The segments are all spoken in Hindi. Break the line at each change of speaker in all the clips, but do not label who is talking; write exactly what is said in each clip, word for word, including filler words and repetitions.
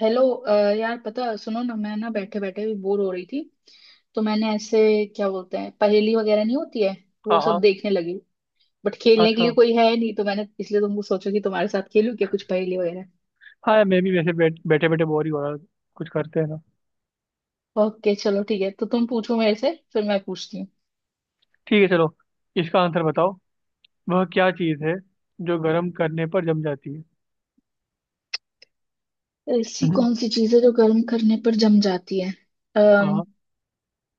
हेलो अ, यार, पता, सुनो ना, मैं ना बैठे बैठे भी बोर हो रही थी। तो मैंने ऐसे, क्या बोलते हैं, पहेली वगैरह नहीं होती है,
हाँ,
वो
हाँ।
सब देखने लगी। बट खेलने के
अच्छा।
लिए कोई है नहीं, तो मैंने इसलिए तुमको सोचा कि तुम्हारे साथ खेलूं क्या, कुछ पहेली वगैरह।
हाँ यार, मैं भी वैसे बैठ, बैठे बैठे बोर ही हो रहा था। कुछ करते हैं ना।
ओके, चलो ठीक है, तो तुम पूछो मेरे से, फिर मैं पूछती हूँ।
ठीक है, चलो। इसका आंसर बताओ। वह क्या चीज़ है जो गर्म करने पर जम जाती है?
ऐसी
हम्म।
कौन सी चीज़ है जो गर्म करने पर जम जाती है? अम्म
हाँ।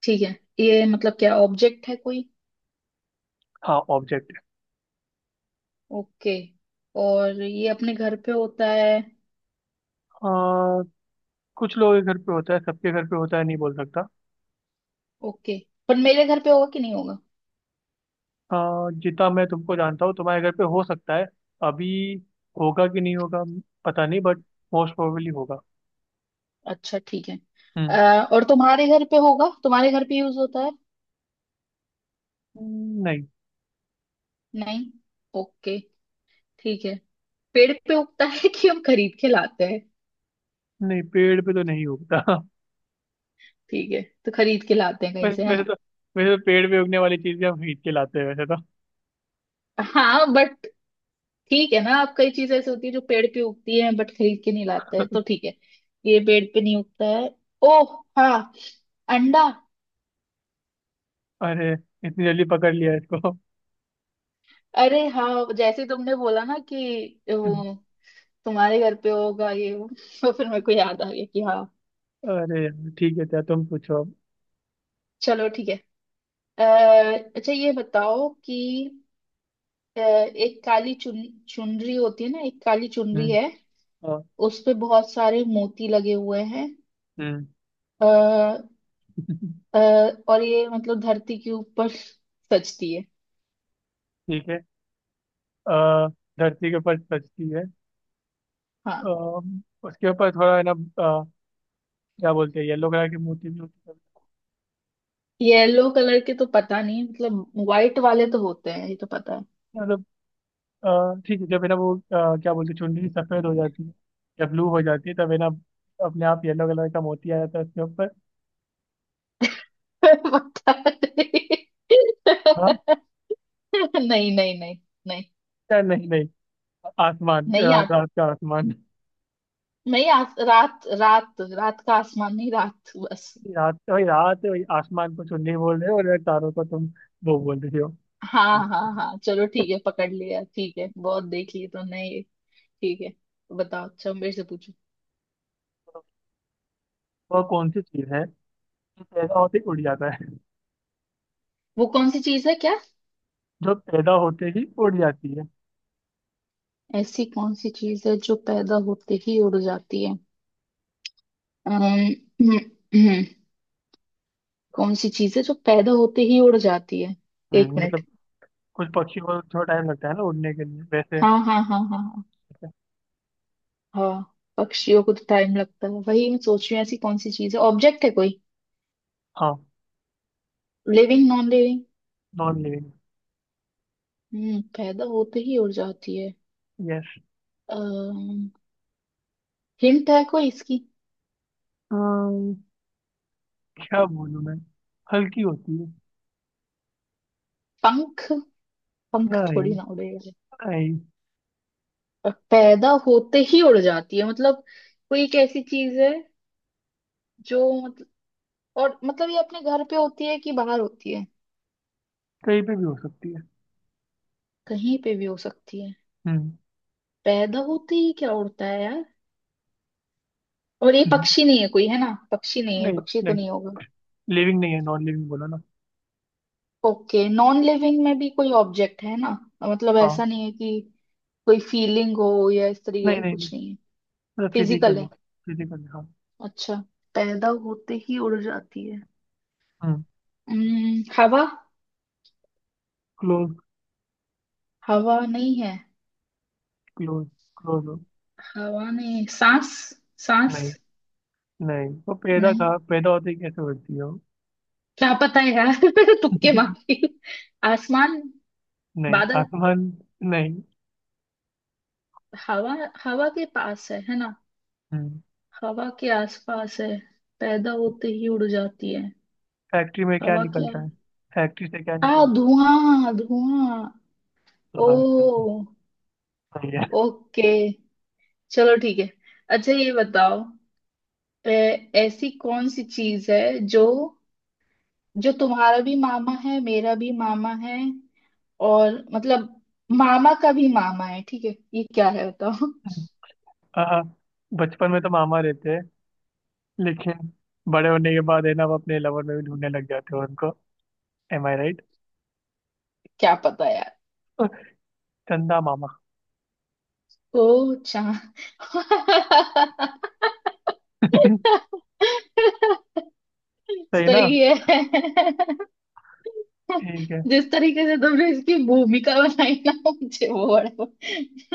ठीक है, ये मतलब क्या ऑब्जेक्ट है कोई?
हाँ ऑब्जेक्ट।
ओके। और ये अपने घर पे होता है?
हाँ कुछ लोगों के घर पे होता है, सबके घर पे होता है नहीं बोल सकता।
ओके। पर मेरे घर पे होगा कि नहीं होगा?
हाँ जितना मैं तुमको जानता हूँ, तुम्हारे घर पे हो सकता है। अभी होगा कि नहीं होगा पता नहीं, बट मोस्ट प्रोबेबली होगा।
अच्छा, ठीक है।
हम्म,
अ, और तुम्हारे घर पे होगा, तुम्हारे घर पे यूज होता है?
हम्म, नहीं।
नहीं। ओके, ठीक है। पेड़ पे उगता है कि हम खरीद के लाते हैं?
नहीं पेड़ पे तो नहीं उगता।
ठीक है, तो खरीद के लाते हैं कहीं
वैसे
से, है
वैसे
ना?
तो वैसे तो पेड़ पे उगने वाली चीजें हम खरीद के लाते हैं वैसे तो।
हाँ बट, ठीक है ना, आप कई चीजें ऐसी होती है जो पेड़ पे उगती है बट खरीद के नहीं लाते हैं, तो ठीक है, ये पेड़ पे नहीं उगता है। ओह हाँ, अंडा।
अरे इतनी जल्दी पकड़ लिया इसको!
अरे हाँ, जैसे तुमने बोला ना कि वो तुम्हारे घर पे होगा, ये वो तो फिर मेरे को याद आ गया कि हाँ।
अरे यार, ठीक है क्या, तुम पूछो अब।
चलो ठीक है। अ, अच्छा ये बताओ कि अ, एक काली चुन चुनरी होती है ना, एक काली चुनरी
हम्म।
है।
हाँ।
उस पे बहुत सारे मोती लगे हुए हैं।
हम्म।
आ, और ये मतलब धरती के ऊपर सजती है।
ठीक है। अ, धरती के ऊपर सजती है। अ,
हाँ।
उसके ऊपर थोड़ा है ना अ, क्या बोलते हैं, येलो कलर की मोती भी होती है।
येलो कलर के तो पता नहीं मतलब, व्हाइट वाले तो होते हैं, ये तो पता है।
मतलब अ, ठीक है, जब है ना वो अ, क्या बोलते हैं, चुनरी सफेद हो जाती है या ब्लू हो जाती है, तब है ना अपने आप येलो कलर का मोती आ जाता है उसके ऊपर।
पता नहीं।
हाँ।
नहीं, नहीं, नहीं। नहीं,
या नहीं, नहीं आसमान,
नहीं
अ,
आता।
रात का आसमान।
नहीं, आ, रात रात रात का आसमान नहीं, रात, बस।
रात वही, रात वही, आसमान को चुन्नी बोल रहे हो और तारों को तुम वो बोल रही हो।
हाँ, हाँ, हाँ, चलो ठीक है, पकड़ लिया, ठीक है। बहुत देख लिए तो नहीं, ठीक है। बताओ, अच्छा मेरे से पूछो।
वो कौन सी चीज है जो पैदा होते ही उड़ जाता है?
वो कौन सी चीज है क्या?
जो पैदा होते ही उड़ जाती है।
ऐसी कौन सी चीज है जो पैदा होते ही उड़ जाती है? अम्म, कौन सी चीज है जो पैदा होते ही उड़ जाती है? एक
हम्म,
मिनट।
मतलब कुछ पक्षी को थोड़ा टाइम लगता है ना उड़ने के लिए वैसे।
हाँ, हाँ, हाँ, हाँ, हाँ,
वैसे।
हाँ। पक्षियों को तो टाइम लगता है, वही मैं सोच रही हूँ, ऐसी कौन सी चीज है, ऑब्जेक्ट है कोई?
हाँ।
Living, non living?
Non living.
हम्म पैदा होते ही उड़ जाती है।
यस।
अम्म हिंट है कोई इसकी?
क्या बोलूं मैं, हल्की होती है।
पंख। पंख
नहीं।
थोड़ी ना उड़ेगा।
नहीं।
और पैदा होते ही उड़ जाती है मतलब, कोई एक ऐसी चीज है, जो, मतलब, और मतलब ये अपने घर पे होती है कि बाहर होती है?
कहीं पे भी हो सकती है।
कहीं पे भी हो सकती है।
हम्म।
पैदा होते ही क्या उड़ता है यार! और ये
हम्म,
पक्षी नहीं है कोई, है ना, पक्षी नहीं है,
नहीं।
पक्षी तो
नहीं
नहीं होगा?
लिविंग नहीं है, नॉन लिविंग बोला ना।
ओके, नॉन लिविंग में भी कोई ऑब्जेक्ट है ना, मतलब
हाँ।
ऐसा नहीं है कि कोई फीलिंग हो या इस तरीके
नहीं,
का,
नहीं, नहीं।
कुछ नहीं है?
मतलब
फिजिकल
फिजिकल है।
है?
फिजिकल हाँ।
अच्छा, पैदा होते ही उड़ जाती है।
हम्म।
हम्म, हवा।
क्लोज।
हवा नहीं है?
क्लोज। क्लोज हो।
हवा में सांस। सांस?
नहीं। नहीं वो पैदा
नहीं,
कहा, पैदा होते ही कैसे होती हो।
क्या पता है यार। तुक्के मारती हूँ। आसमान?
नहीं
बादल?
आसमान। नहीं।
हवा? हवा के पास है है ना,
हम्म।
हवा के आसपास है? पैदा होते ही उड़ जाती है।
फैक्ट्री में क्या
हवा क्या?
निकलता है? फैक्ट्री से क्या
आ
निकलता है?
धुआं, धुआं!
हाँ,
ओ,
सही है।
ओके, चलो ठीक है। अच्छा ये बताओ, ए, ऐसी कौन सी चीज है, जो जो तुम्हारा भी मामा है, मेरा भी मामा है, और मतलब मामा का भी मामा है, ठीक है ये क्या है बताओ
आहा, बचपन में तो मामा रहते हैं, लेकिन बड़े होने के बाद है ना वो अपने लवर में भी ढूंढने लग जाते हो उनको। Am I right?
क्या पता यार।
चंदा मामा।
ओ, चांद!
सही ना।
सही है।
ठीक।
जिस तरीके से तुमने इसकी भूमिका बनाई ना, मुझे वो बड़ा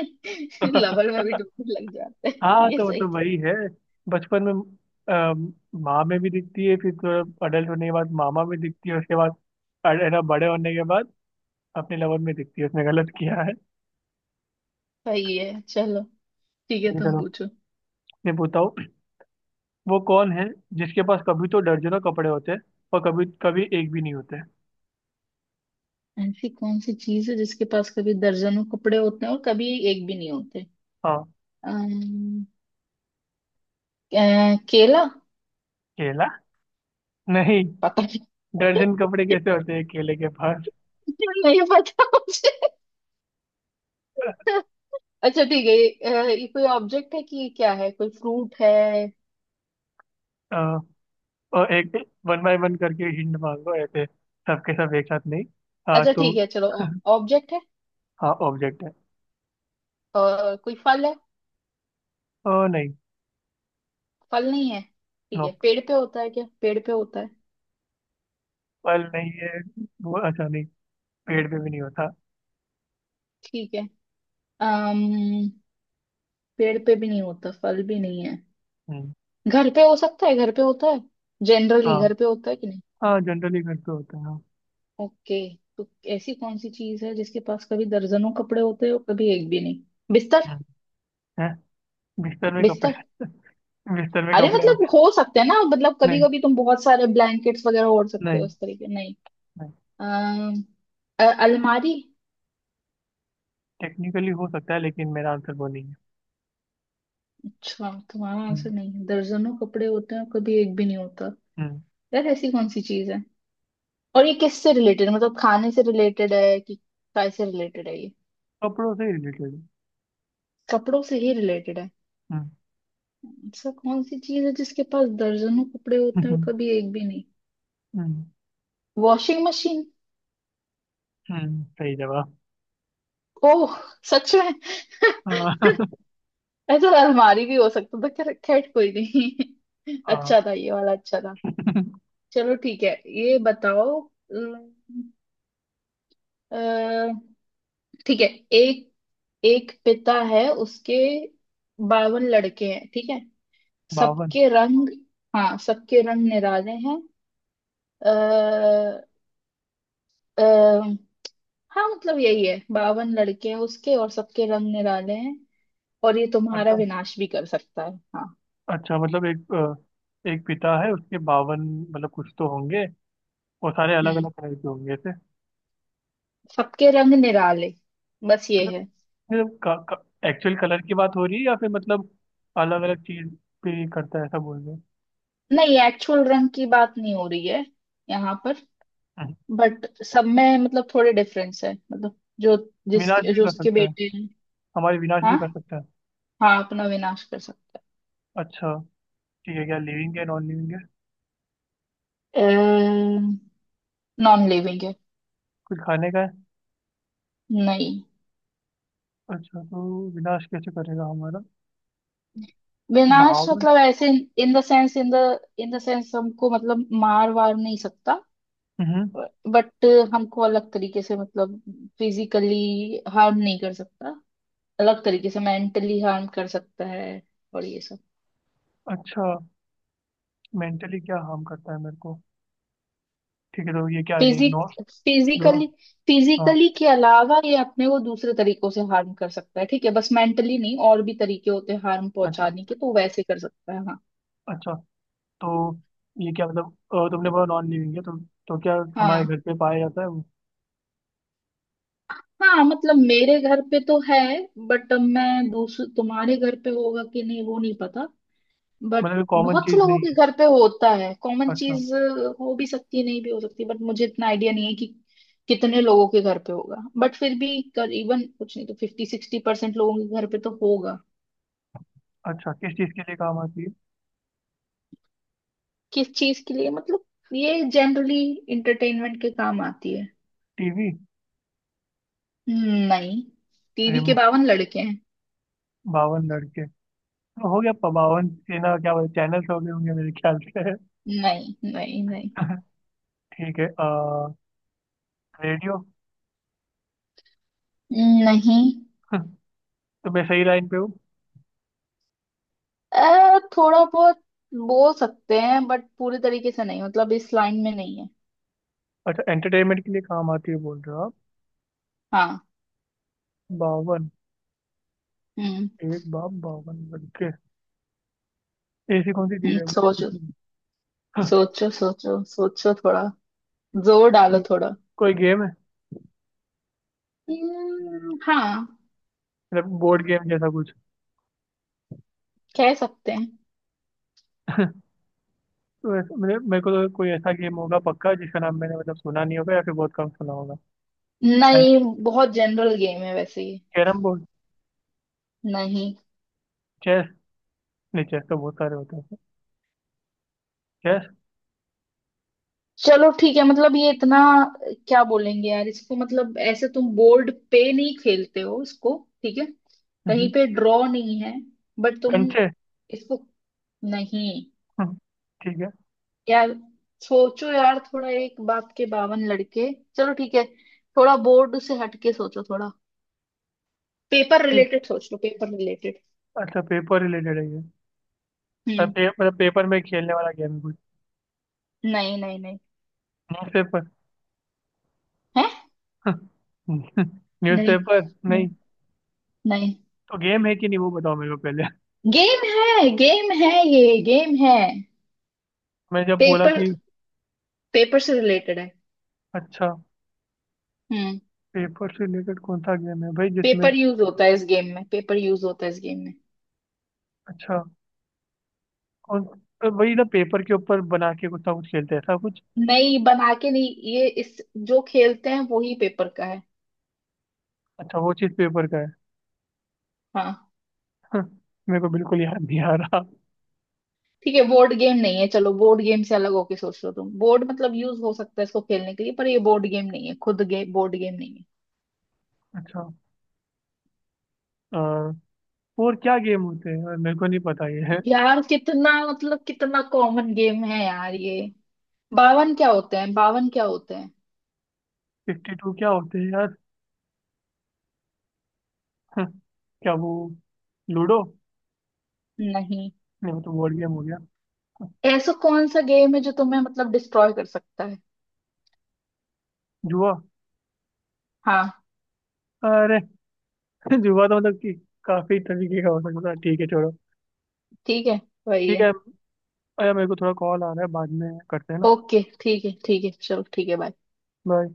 है
लवल में भी डूबने लग जाते हैं
हाँ
ये
तो
सही
मतलब
था,
वही है। बचपन में अम, माँ में भी दिखती है, फिर थोड़ा अडल्ट होने के बाद मामा में दिखती है, उसके बाद अड- है ना बड़े होने के बाद अपने लवन में दिखती है, उसने गलत किया है।
सही है। चलो ठीक है, तुम
चलो,
पूछो।
मैं बताओ। वो कौन है जिसके पास कभी तो दर्जनों कपड़े होते हैं और कभी कभी एक भी नहीं होते।
ऐसी कौन सी चीज है जिसके पास कभी दर्जनों कपड़े होते हैं और कभी एक भी नहीं होते?
हाँ।
अम्म, अ, केला?
केला? नहीं।
पता
दर्जन कपड़े कैसे होते हैं केले के पास?
नहीं पता मुझे। अच्छा ठीक है, ये, अ, ये कोई ऑब्जेक्ट है कि ये क्या है, कोई फ्रूट है?
अ, और एक वन बाय वन करके हिंट मांगो ऐसे, सबके सब एक साथ नहीं। हाँ
अच्छा
तो।
ठीक है चलो। ऑब्जेक्ट है
हाँ ऑब्जेक्ट है।
और कोई फल है?
ओ नहीं।
फल नहीं है ठीक
नो,
है, पेड़ पे होता है क्या, पेड़ पे होता है?
पल नहीं है। वो अच्छा नहीं, पेड़ पे भी नहीं होता।
ठीक है। अम्म पेड़ पे भी नहीं होता, फल भी नहीं है।
हम्म।
घर पे हो सकता है, घर पे होता है, जनरली
हाँ।
घर पे होता है कि नहीं?
हाँ जनरली घर पे होता है हाँ।
ओके। तो ऐसी कौन सी चीज है जिसके पास कभी दर्जनों कपड़े होते हैं और कभी एक भी नहीं? बिस्तर।
हम्म। हैं? बिस्तर में कपड़े?
बिस्तर।
बिस्तर में
अरे
कपड़े।
मतलब हो सकते हैं ना, मतलब कभी
नहीं,
कभी तुम बहुत सारे ब्लैंकेट्स वगैरह ओढ़ सकते हो,
नहीं,
उस तरीके, नहीं?
नहीं।
अम, अ, अलमारी?
टेक्निकली हो सकता है लेकिन मेरा आंसर वो नहीं है।
अच्छा, तुम्हारा आंसर
हम्म।
नहीं है? दर्जनों कपड़े होते हैं, कभी एक भी नहीं होता,
हम्म,
यार ऐसी कौन सी चीज है? और ये किससे रिलेटेड, मतलब खाने से रिलेटेड है कि काय से रिलेटेड है ये?
कपड़ों से रिलेटेड।
कपड़ों से ही रिलेटेड है?
हम्म।
ऐसा कौन सी चीज है जिसके पास दर्जनों कपड़े होते हैं और
हम्म।
कभी एक भी नहीं?
हम्म,
वॉशिंग मशीन?
हम्म, सही जवाब।
ओह, सच में!
हाँ।
ऐसा अलमारी भी हो सकता था, खैर खैर, कोई नहीं। अच्छा था ये वाला, अच्छा था।
हाँ।
चलो ठीक है। ये बताओ, अम, अ, ठीक है। एक एक पिता है, उसके बावन लड़के हैं, ठीक है।
बावन?
सबके रंग, हाँ सबके रंग निराले हैं। अः हाँ मतलब यही है, बावन लड़के हैं उसके और सबके रंग निराले हैं, और ये तुम्हारा
मतलब
विनाश भी कर सकता है। हाँ।
अच्छा मतलब एक अ, एक पिता है उसके बावन, मतलब कुछ तो होंगे, और सारे अलग
हम्म
अलग कलर के होंगे ऐसे?
सबके रंग निराले, बस ये है।
मतलब का, का, एक्चुअल कलर की बात हो रही है या फिर मतलब अलग अलग चीज पे करता है ऐसा बोल रहे हो?
नहीं, एक्चुअल रंग की बात नहीं हो रही है यहाँ पर,
हम्म।
बट सब में मतलब थोड़े डिफरेंस है, मतलब जो
विनाश
जिसके
भी
जो
कर
उसके
सकता है?
बेटे हैं।
हमारे विनाश भी कर
हाँ।
सकता है?
हाँ अपना विनाश कर सकता
अच्छा ठीक है, क्या लिविंग है नॉन लिविंग है?
है। नॉन लिविंग है।
कुछ खाने का है?
नहीं,
अच्छा तो विनाश कैसे करेगा हमारा?
विनाश
भावन।
मतलब ऐसे, in the sense in the in the sense हमको मतलब मार वार नहीं सकता,
हम्म।
बट हमको अलग तरीके से मतलब, फिजिकली हार्म नहीं कर सकता, अलग तरीके से मेंटली हार्म कर सकता है, और ये सब।
अच्छा मेंटली क्या हार्म करता है मेरे को? ठीक है, तो ये क्या है, ये नो।
Physic
no.
फिजिकली
हाँ।
फिजिकली के अलावा ये अपने को दूसरे तरीकों से हार्म कर सकता है, ठीक है, बस मेंटली नहीं, और भी तरीके होते हैं हार्म
अच्छा।
पहुंचाने के तो वैसे कर सकता है। हाँ,
अच्छा तो ये क्या मतलब, अ, तुमने बोला नॉन लिविंग है तो तो क्या हमारे
हाँ।
घर पे पाया जाता है वो?
हाँ मतलब मेरे घर पे तो है, बट मैं दूसरे, तुम्हारे घर पे होगा कि नहीं वो नहीं पता, बट
मतलब ये कॉमन
बहुत से
चीज
लोगों
नहीं
के
है?
घर पे होता है, कॉमन
अच्छा।
चीज हो भी सकती है नहीं भी हो सकती, बट मुझे इतना आइडिया नहीं है कि कितने लोगों के घर पे होगा, बट फिर भी करीबन, कुछ नहीं तो फिफ्टी सिक्सटी परसेंट लोगों के घर पे तो होगा।
अच्छा किस चीज के लिए काम आती है?
किस चीज के लिए मतलब, ये जनरली इंटरटेनमेंट के काम आती है।
टीवी?
नहीं, टीवी के
रिमोट?
बावन लड़के हैं?
बावन लड़के तो हो गया प- बावन ये ना क्या बोलते चैनल्स हो गए होंगे मेरे ख्याल से।
नहीं, नहीं, नहीं।
ठीक है, आ, रेडियो?
नहीं,
तो मैं सही लाइन पे हूँ?
अ, थोड़ा बहुत बोल सकते हैं बट पूरी तरीके से नहीं, मतलब इस लाइन में नहीं है।
अच्छा एंटरटेनमेंट के लिए काम आती है बोल रहे हो आप।
हाँ।
बावन।
हम्म,
एक बाप बावन लड़के। ऐसी कौन सी चीज
हम्म,
है
सोचो,
भाई?
सोचो, सोचो, सोचो थोड़ा, जोर डालो
कोई,
थोड़ा।
कोई गेम है?
हम्म, हाँ,
मतलब बोर्ड गेम जैसा कुछ?
कह सकते हैं।
तो ऐसा मेरे मेरे को तो कोई ऐसा गेम होगा पक्का जिसका नाम मैंने मतलब सुना नहीं होगा या फिर बहुत कम सुना होगा। चाइनीज?
नहीं बहुत जनरल गेम है वैसे ये।
Carrom board?
नहीं।
चेस? नहीं चेस तो बहुत सारे होते हैं। यस।
चलो ठीक है, मतलब ये इतना, क्या बोलेंगे यार इसको, मतलब ऐसे तुम बोर्ड पे नहीं खेलते हो इसको, ठीक है, कहीं
हम्म,
पे ड्रॉ नहीं है, बट तुम
कंचे?
इसको, नहीं,
हम्म, ठीक है।
यार सोचो यार थोड़ा, एक बाप के बावन लड़के। चलो ठीक है, थोड़ा बोर्ड से हटके सोचो थोड़ा, पेपर
ठीक।
रिलेटेड सोच लो, पेपर रिलेटेड।
अच्छा पेपर रिलेटेड है ये? और
हम्म।
पे, मतलब पेपर में खेलने वाला गेम है कोई?
नहीं, नहीं, नहीं।
न्यूज़पेपर?
है। नहीं,
न्यूज़पेपर।
नहीं,
नहीं।
नहीं।
तो गेम है कि नहीं वो बताओ मेरे को पहले।
गेम है, गेम है, ये गेम है।
मैं जब बोला
पेपर
कि।
पेपर से रिलेटेड है।
अच्छा
हम्म।
पेपर से रिलेटेड कौन सा गेम है भाई जिसमें?
पेपर यूज होता है इस गेम में, पेपर यूज होता है इस गेम में।
अच्छा। कौन? तो वही ना पेपर के ऊपर बना के कुछ ना कुछ खेलते हैं ऐसा कुछ?
नहीं, बना के नहीं ये, इस, जो खेलते हैं वो ही पेपर का है।
अच्छा वो चीज़ पेपर का है।
हाँ।
मेरे को बिल्कुल याद नहीं आ रहा।
ठीक है, बोर्ड गेम नहीं है, चलो बोर्ड गेम से अलग होके सोच लो, तुम बोर्ड मतलब यूज हो सकता है इसको खेलने के लिए पर ये बोर्ड गेम नहीं है। खुद गे, बोर्ड गेम नहीं है।
अच्छा। अ, और क्या गेम होते हैं और मेरे को नहीं पता ये। है
यार कितना, मतलब कितना कॉमन गेम है यार ये। बावन क्या होते हैं, बावन क्या होते हैं?
फिफ्टी टू क्या होते हैं? हाँ, क्या वो, लूडो?
नहीं।
नहीं वो तो बोर्ड गेम हो गया।
ऐसा कौन सा गेम है जो तुम्हें मतलब डिस्ट्रॉय कर सकता है?
जुआ?
हाँ,
अरे! जुआ तो मतलब कि काफी तरीके का हो सकता है, ठीक है छोड़ो।
ठीक है, वही
ठीक
है।
है। अरे मेरे को थोड़ा कॉल आ रहा है, बाद में करते हैं ना।
ओके, ठीक है, ठीक है, चलो ठीक है, बाय।
बाय।